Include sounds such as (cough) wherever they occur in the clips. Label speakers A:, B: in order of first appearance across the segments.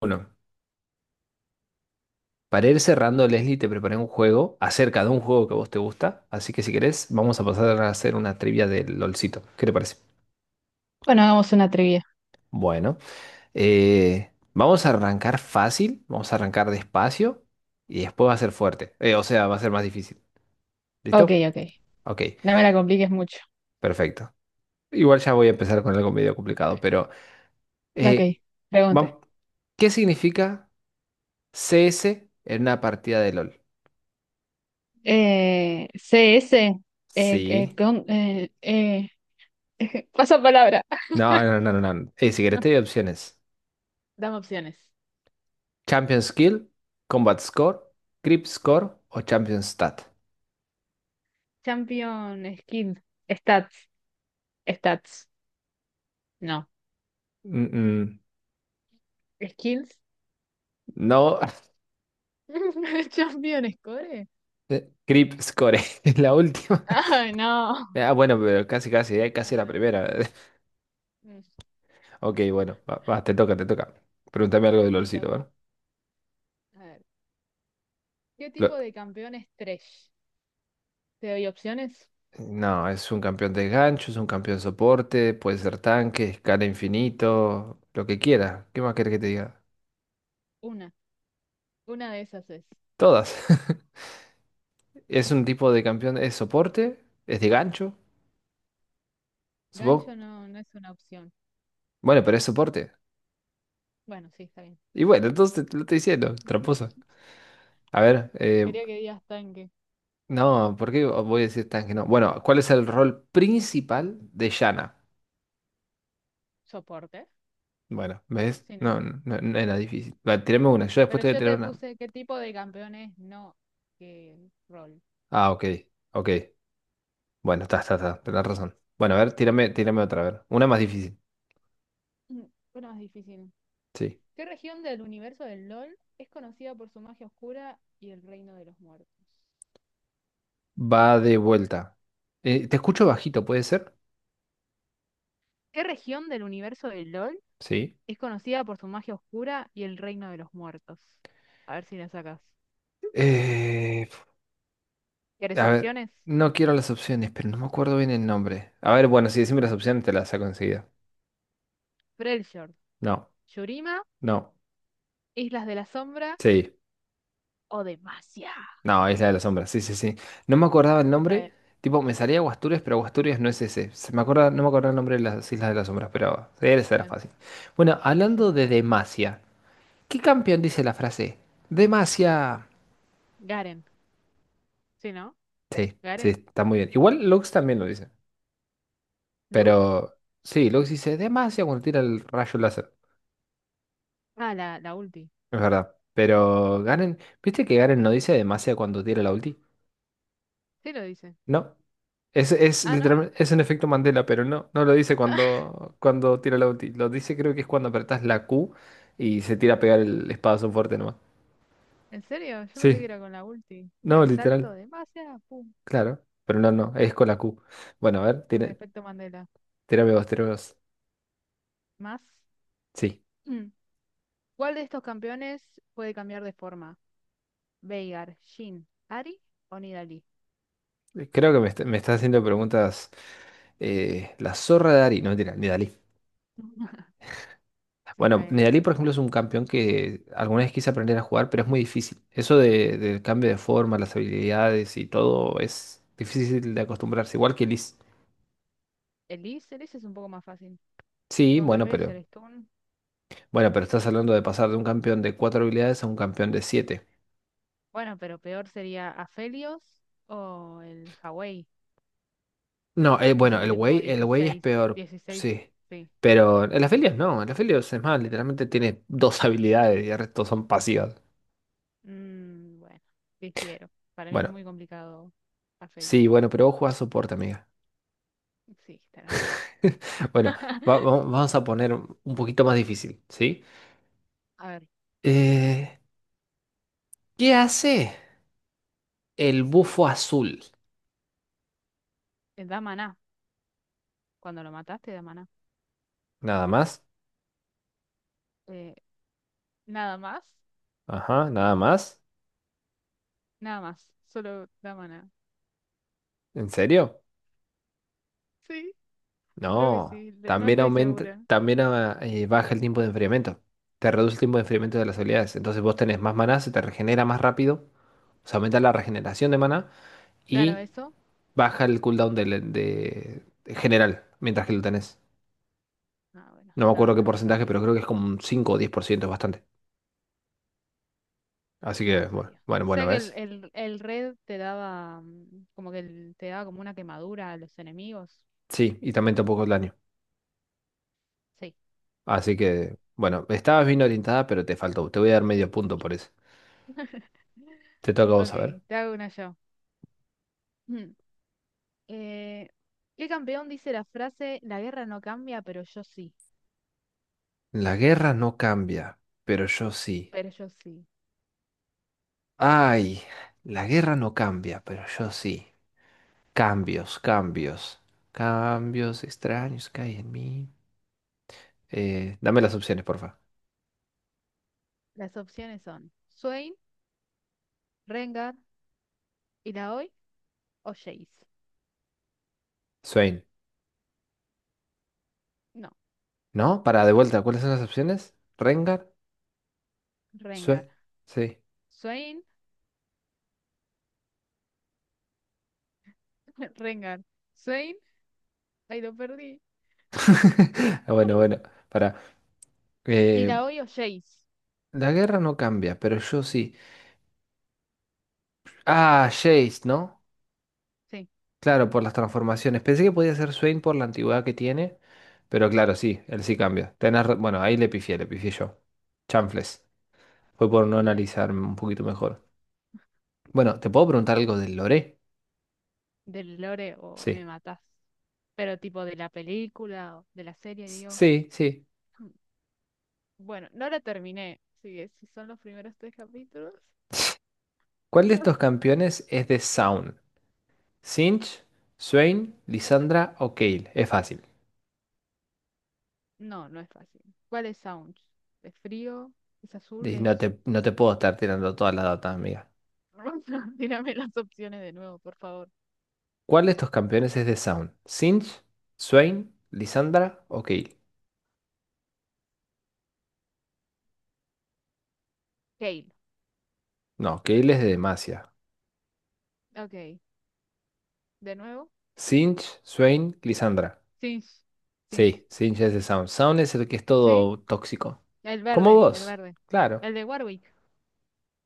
A: Bueno, para ir cerrando, Leslie, te preparé un juego acerca de un juego que a vos te gusta, así que si querés, vamos a pasar a hacer una trivia del LOLcito. ¿Qué te parece?
B: Bueno, hagamos una trivia.
A: Bueno, vamos a arrancar fácil, vamos a arrancar despacio y después va a ser fuerte. O sea, va a ser más difícil.
B: Ok,
A: ¿Listo?
B: ok.
A: Ok,
B: No me la compliques mucho.
A: perfecto. Igual ya voy a empezar con algo medio complicado, pero
B: Ok,
A: eh,
B: pregunte.
A: vam- ¿qué significa CS en una partida de LOL?
B: CS, eh, eh,
A: Sí.
B: con- eh, eh, (laughs) pasa palabra.
A: No, no, no, no, no. Si querés, te doy
B: (laughs)
A: opciones.
B: Dame opciones.
A: Champion Skill, Combat Score, Creep Score o Champion Stat.
B: Champion, skill, stats, stats. No.
A: Mm, mm,
B: Skills.
A: no.
B: (laughs) Champion, score.
A: (laughs) Creep Score (laughs) es la última.
B: Ay, no.
A: Ah, bueno, pero casi, casi,
B: no.
A: casi
B: No
A: la
B: lo veo,
A: primera.
B: pero...
A: (laughs)
B: Mm,
A: Ok, bueno, va, va, te toca, te toca. Pregúntame algo de
B: me
A: Lolcito,
B: toca.
A: ¿vale?
B: A ver. ¿Qué
A: Lo-
B: tipo de campeón es Thresh? ¿Te doy opciones?
A: No, es un campeón de gancho, es un campeón soporte, puede ser tanque, escala infinito, lo que quiera. ¿Qué más querés que te diga?
B: Una. Una de esas es.
A: Todas. (laughs) Es un tipo de campeón, es soporte, es de gancho,
B: Gancho
A: supongo.
B: no, no es una opción.
A: Bueno, pero es soporte.
B: Bueno, sí, está bien.
A: Y bueno, entonces te lo estoy diciendo, tramposa. A ver,
B: Quería que digas tanque.
A: no, ¿por qué voy a decir tan que no? Bueno, ¿cuál es el rol principal de Yana?
B: Soporte,
A: Bueno, ¿ves?
B: sí, ¿no?
A: No, no, no era difícil. Va, tírame una, yo después
B: Pero
A: te voy a
B: yo
A: tirar
B: te
A: una.
B: puse qué tipo de campeones, no qué rol.
A: Ah, ok, ok. Bueno, está, tenés razón. Bueno, a ver, tírame otra, a ver. Una más difícil.
B: Mm, Bueno, más difícil.
A: Sí.
B: ¿Qué región del universo del LOL es conocida por su magia oscura y el reino de los muertos?
A: Va de vuelta. Te escucho bajito, ¿puede ser?
B: ¿Qué región del universo del LOL
A: Sí.
B: es conocida por su magia oscura y el reino de los muertos? A ver si la sacas.
A: Eh,
B: ¿Quieres
A: a ver,
B: opciones?
A: no quiero las opciones, pero no me acuerdo bien el nombre. A ver, bueno, si decime las
B: Dale.
A: opciones, te las saco enseguida.
B: Freljord,
A: No.
B: Yurima,
A: No,
B: Islas de la Sombra
A: sí,
B: o Demacia.
A: no, Isla de las Sombras, sí, sí, sí. No me acordaba el
B: Está
A: nombre,
B: bien.
A: tipo, me salía Guasturias, pero Guasturias no es ese. Se me acuerda, no me acordaba el nombre de las Islas de las Sombras, pero sí, esa era
B: Bueno,
A: fácil. Bueno,
B: ese,
A: hablando
B: ese,
A: de
B: ese.
A: Demacia, ¿qué campeón dice la frase? Demacia.
B: Garen. ¿Sí, no?
A: Sí, sí,
B: Garen.
A: está muy bien. Igual Lux también lo dice,
B: ¿Lux?
A: pero sí, Lux dice Demacia cuando tira el rayo láser,
B: Ah, la ulti.
A: es verdad. Pero Garen, ¿viste que Garen no dice Demacia cuando tira la ulti?
B: Sí lo dice.
A: No. Es
B: Ah, ¿no?
A: literalmente, es un efecto Mandela, pero no, no lo dice
B: (laughs)
A: cuando, cuando tira la ulti. Lo dice creo que es cuando apretás la Q y se tira a pegar el espadazo fuerte nomás.
B: ¿En serio? Yo pensé que
A: Sí,
B: era con la ulti.
A: no,
B: El salto
A: literal,
B: de magia. Pum.
A: claro. Pero no, no, es con la Q. Bueno, a ver,
B: Bueno, efecto Mandela.
A: tírame vos, tírame vos.
B: Más.
A: Sí,
B: Mm. ¿Cuál de estos campeones puede cambiar de forma? Veigar, Shin, Ari o Nidalee.
A: creo que me, está- me estás haciendo preguntas. La zorra de Ari, no, mentira, ni Dalí.
B: (laughs) Sí, está
A: Bueno,
B: bien.
A: Nedalí, por ejemplo, es un campeón que alguna vez quise aprender a jugar, pero es muy difícil. Del cambio de forma, las habilidades y todo es difícil de acostumbrarse, igual que Liz.
B: Elise, Elise es un poco más fácil.
A: Sí,
B: Con que pegues el stun.
A: bueno, pero estás hablando de pasar de un campeón de cuatro habilidades a un campeón de siete.
B: Bueno, pero peor sería Aphelios o el Hawei,
A: No,
B: que se
A: bueno,
B: tiene como
A: El Wei es
B: 16,
A: peor,
B: 16,
A: sí.
B: sí.
A: Pero el Aphelios no, el Aphelios es más, literalmente tiene dos (laughs) habilidades y el resto son pasivas.
B: Bueno, difiero. Para mí es
A: Bueno,
B: muy complicado. A
A: sí, bueno, pero vos jugás soporte, amiga.
B: Sí, tenés razón.
A: (laughs) Bueno,
B: (laughs)
A: vamos a poner un poquito más difícil, ¿sí?
B: A ver,
A: Eh, ¿Qué hace el bufo azul?
B: da maná. Cuando lo mataste, da maná,
A: Nada
B: ¿no?
A: más.
B: Eh, nada más,
A: Ajá, nada más.
B: nada más. Solo da maná.
A: ¿En serio?
B: Sí, creo que
A: No.
B: sí. No
A: También
B: estoy
A: aumenta,
B: segura.
A: también baja el tiempo de enfriamiento. Te reduce el tiempo de enfriamiento de las habilidades. Entonces vos tenés más maná, se te regenera más rápido. O sea, aumenta la regeneración de maná
B: Claro,
A: y
B: eso.
A: baja el cooldown de general mientras que lo tenés.
B: Ah, bueno,
A: No me
B: no,
A: acuerdo qué
B: no lo
A: porcentaje,
B: sabía.
A: pero creo que es como un 5 o 10 por ciento, es bastante. Así
B: No
A: que,
B: lo
A: bueno,
B: sabía.
A: bueno, bueno,
B: Sé que
A: ¿ves?
B: el red te daba, mm, como que te daba como una quemadura a los enemigos.
A: Sí, y también tampoco el daño.
B: Sí,
A: Así
B: bueno.
A: que, bueno, estabas bien orientada, pero te faltó. Te voy a dar medio punto por eso.
B: (laughs)
A: Te toca a vos
B: Ok,
A: a ver.
B: te hago una yo. Mm. Eh, ¿Qué campeón dice la frase La guerra no cambia, pero yo sí?
A: La guerra no cambia, pero yo sí.
B: Pero yo sí.
A: Ay, la guerra no cambia, pero yo sí. Cambios, cambios. Cambios extraños que hay en mí. Dame las opciones, porfa.
B: Las opciones son Swain, Rengar, Illaoi o Jace.
A: Swain.
B: No,
A: ¿No? Para de vuelta, ¿cuáles son las opciones? Rengar.
B: Rengar.
A: Swain. Sí.
B: Swain, (laughs) Rengar. Swain, ahí lo perdí.
A: (laughs) Bueno,
B: (laughs)
A: para. Eh,
B: Illaoi o Jace.
A: la guerra no cambia, pero yo sí. Ah, Jace, ¿no?
B: Sí,
A: Claro, por las transformaciones. Pensé que podía ser Swain por la antigüedad que tiene, pero claro, sí, él sí cambia. Bueno, ahí le pifié yo. Chanfles. Fue por no
B: muy bien.
A: analizarme un poquito mejor. Bueno, ¿te puedo preguntar algo del lore?
B: Del lore o me
A: Sí.
B: matás. Pero tipo de la película o de la serie, digo.
A: Sí, sí.
B: Mm. Bueno, no la terminé. Así que si son los primeros tres capítulos.
A: ¿Cuál de estos campeones es de Sound? ¿Sinch, Swain, Lisandra o Kayle? Es fácil.
B: No, no es fácil. ¿Cuál es Sounds? ¿Es frío? ¿Es azul?
A: Y no
B: ¿Es
A: te, no te puedo estar tirando todas las datas, amiga.
B: rosa? (laughs) Tírame las opciones de nuevo, por favor.
A: ¿Cuál de estos campeones es de Sound? ¿Sinch, Swain, Lisandra o Kayle?
B: Kale.
A: No, Kayle es de Demacia.
B: Ok. ¿De nuevo?
A: Sinch, Swain, Lisandra.
B: Sims. Sims.
A: Sí, Sinch es de Sound. Sound es el que es
B: ¿Sí?
A: todo tóxico.
B: El
A: Como
B: verde, el
A: vos.
B: verde.
A: Claro,
B: El de Warwick.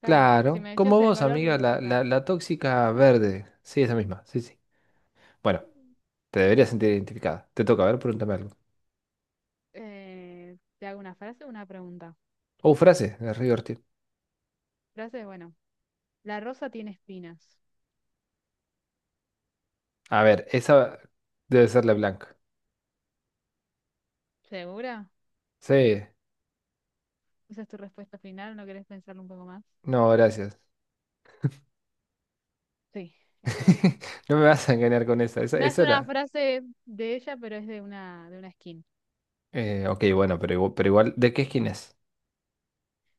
B: Claro. Si
A: claro.
B: me decías
A: Como
B: el
A: vos,
B: color, lo
A: amiga,
B: iba a sacar.
A: la tóxica
B: Ah.
A: verde. Sí, esa misma. Sí, sí. Bueno, te deberías sentir identificada. Te toca, a ver, pregúntame algo.
B: ¿Te hago una frase o una pregunta?
A: Oh, frase, es re divertido.
B: Frase, bueno. La rosa tiene espinas.
A: A ver, esa debe ser la blanca.
B: ¿Segura?
A: Sí.
B: ¿Esa es tu respuesta final? ¿No querés pensarlo un poco más?
A: No, gracias.
B: Sí, es Leblanc.
A: (laughs) No me vas a engañar con esa. Esa,
B: No es
A: esa
B: una
A: era.
B: frase de ella, pero es de una skin.
A: Ok, bueno, pero igual, ¿de qué skin es?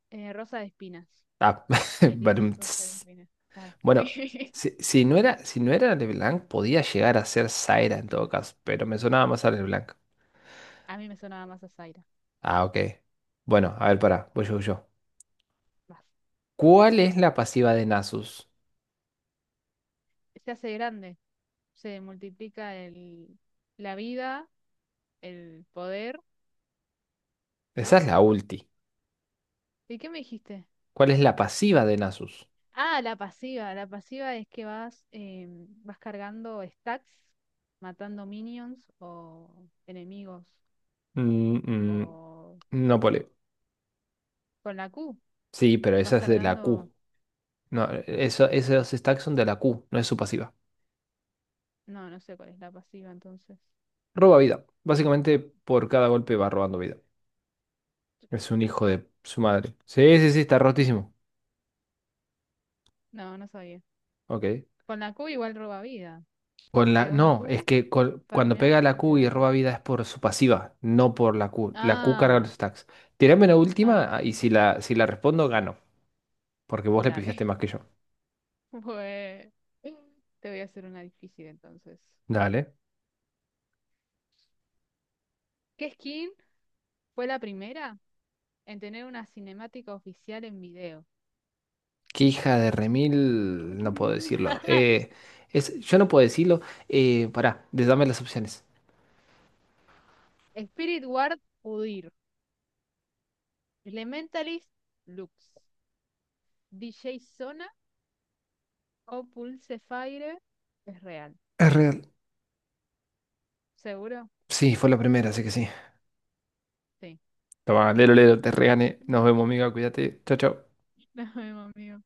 B: Rosa de Espinas.
A: Ah, (laughs)
B: Elis,
A: Barum.
B: Rosa de Espinas. Claro.
A: Bueno,
B: (laughs)
A: si, si no era, si no era LeBlanc, podía llegar a ser Zaira en todo caso, pero me sonaba más a LeBlanc.
B: A mí me sonaba más a Zaira.
A: Ah, ok. Bueno, a ver, pará, voy yo, voy yo.
B: Más.
A: ¿Cuál es la pasiva de Nasus?
B: Se hace grande. Se multiplica el, la vida, el poder,
A: Esa
B: ¿no?
A: es la ulti.
B: ¿Y qué me dijiste?
A: ¿Cuál es la pasiva de Nasus?
B: Ah, la pasiva. La pasiva es que vas, vas cargando stacks, matando minions o enemigos.
A: Mm, mm,
B: O
A: no, pole.
B: con la Q.
A: Sí, pero
B: Vas
A: esa es de la
B: cargando.
A: Q. No, eso, esos stacks son de la Q, no es su pasiva.
B: No, no sé cuál es la pasiva entonces.
A: Roba vida. Básicamente, por cada golpe va robando vida. Es un hijo de su madre. Sí, sí, sí, está rotísimo.
B: No, no sabía.
A: Ok.
B: Con la Q igual roba vida.
A: Con la,
B: Pega una
A: no, es
B: Q,
A: que cuando
B: farmeas
A: pega la
B: y te
A: Q y
B: da vida.
A: roba vida es por su pasiva, no por la Q. La Q carga los
B: Ah,
A: stacks. Tirame la
B: ah,
A: última ah,
B: ok.
A: y si la, si la respondo, gano. Porque vos le pifiaste
B: Dale.
A: más que yo.
B: (laughs) Pues te voy a hacer una difícil entonces.
A: Dale.
B: ¿Qué skin fue la primera en tener una cinemática oficial en video?
A: Qué hija de remil. No puedo decirlo.
B: (laughs)
A: Es, yo no puedo decirlo. Pará, dame las opciones.
B: Spirit Ward Udyr, Elementalist Lux, DJ Zona o Pulsefire es real.
A: Es real.
B: ¿Seguro?
A: Sí, fue la primera, así que sí.
B: Sí.
A: Toma, lero, lero, te regané. Nos vemos,
B: (laughs)
A: amiga. Cuídate. Chao, chao.
B: No, amigo.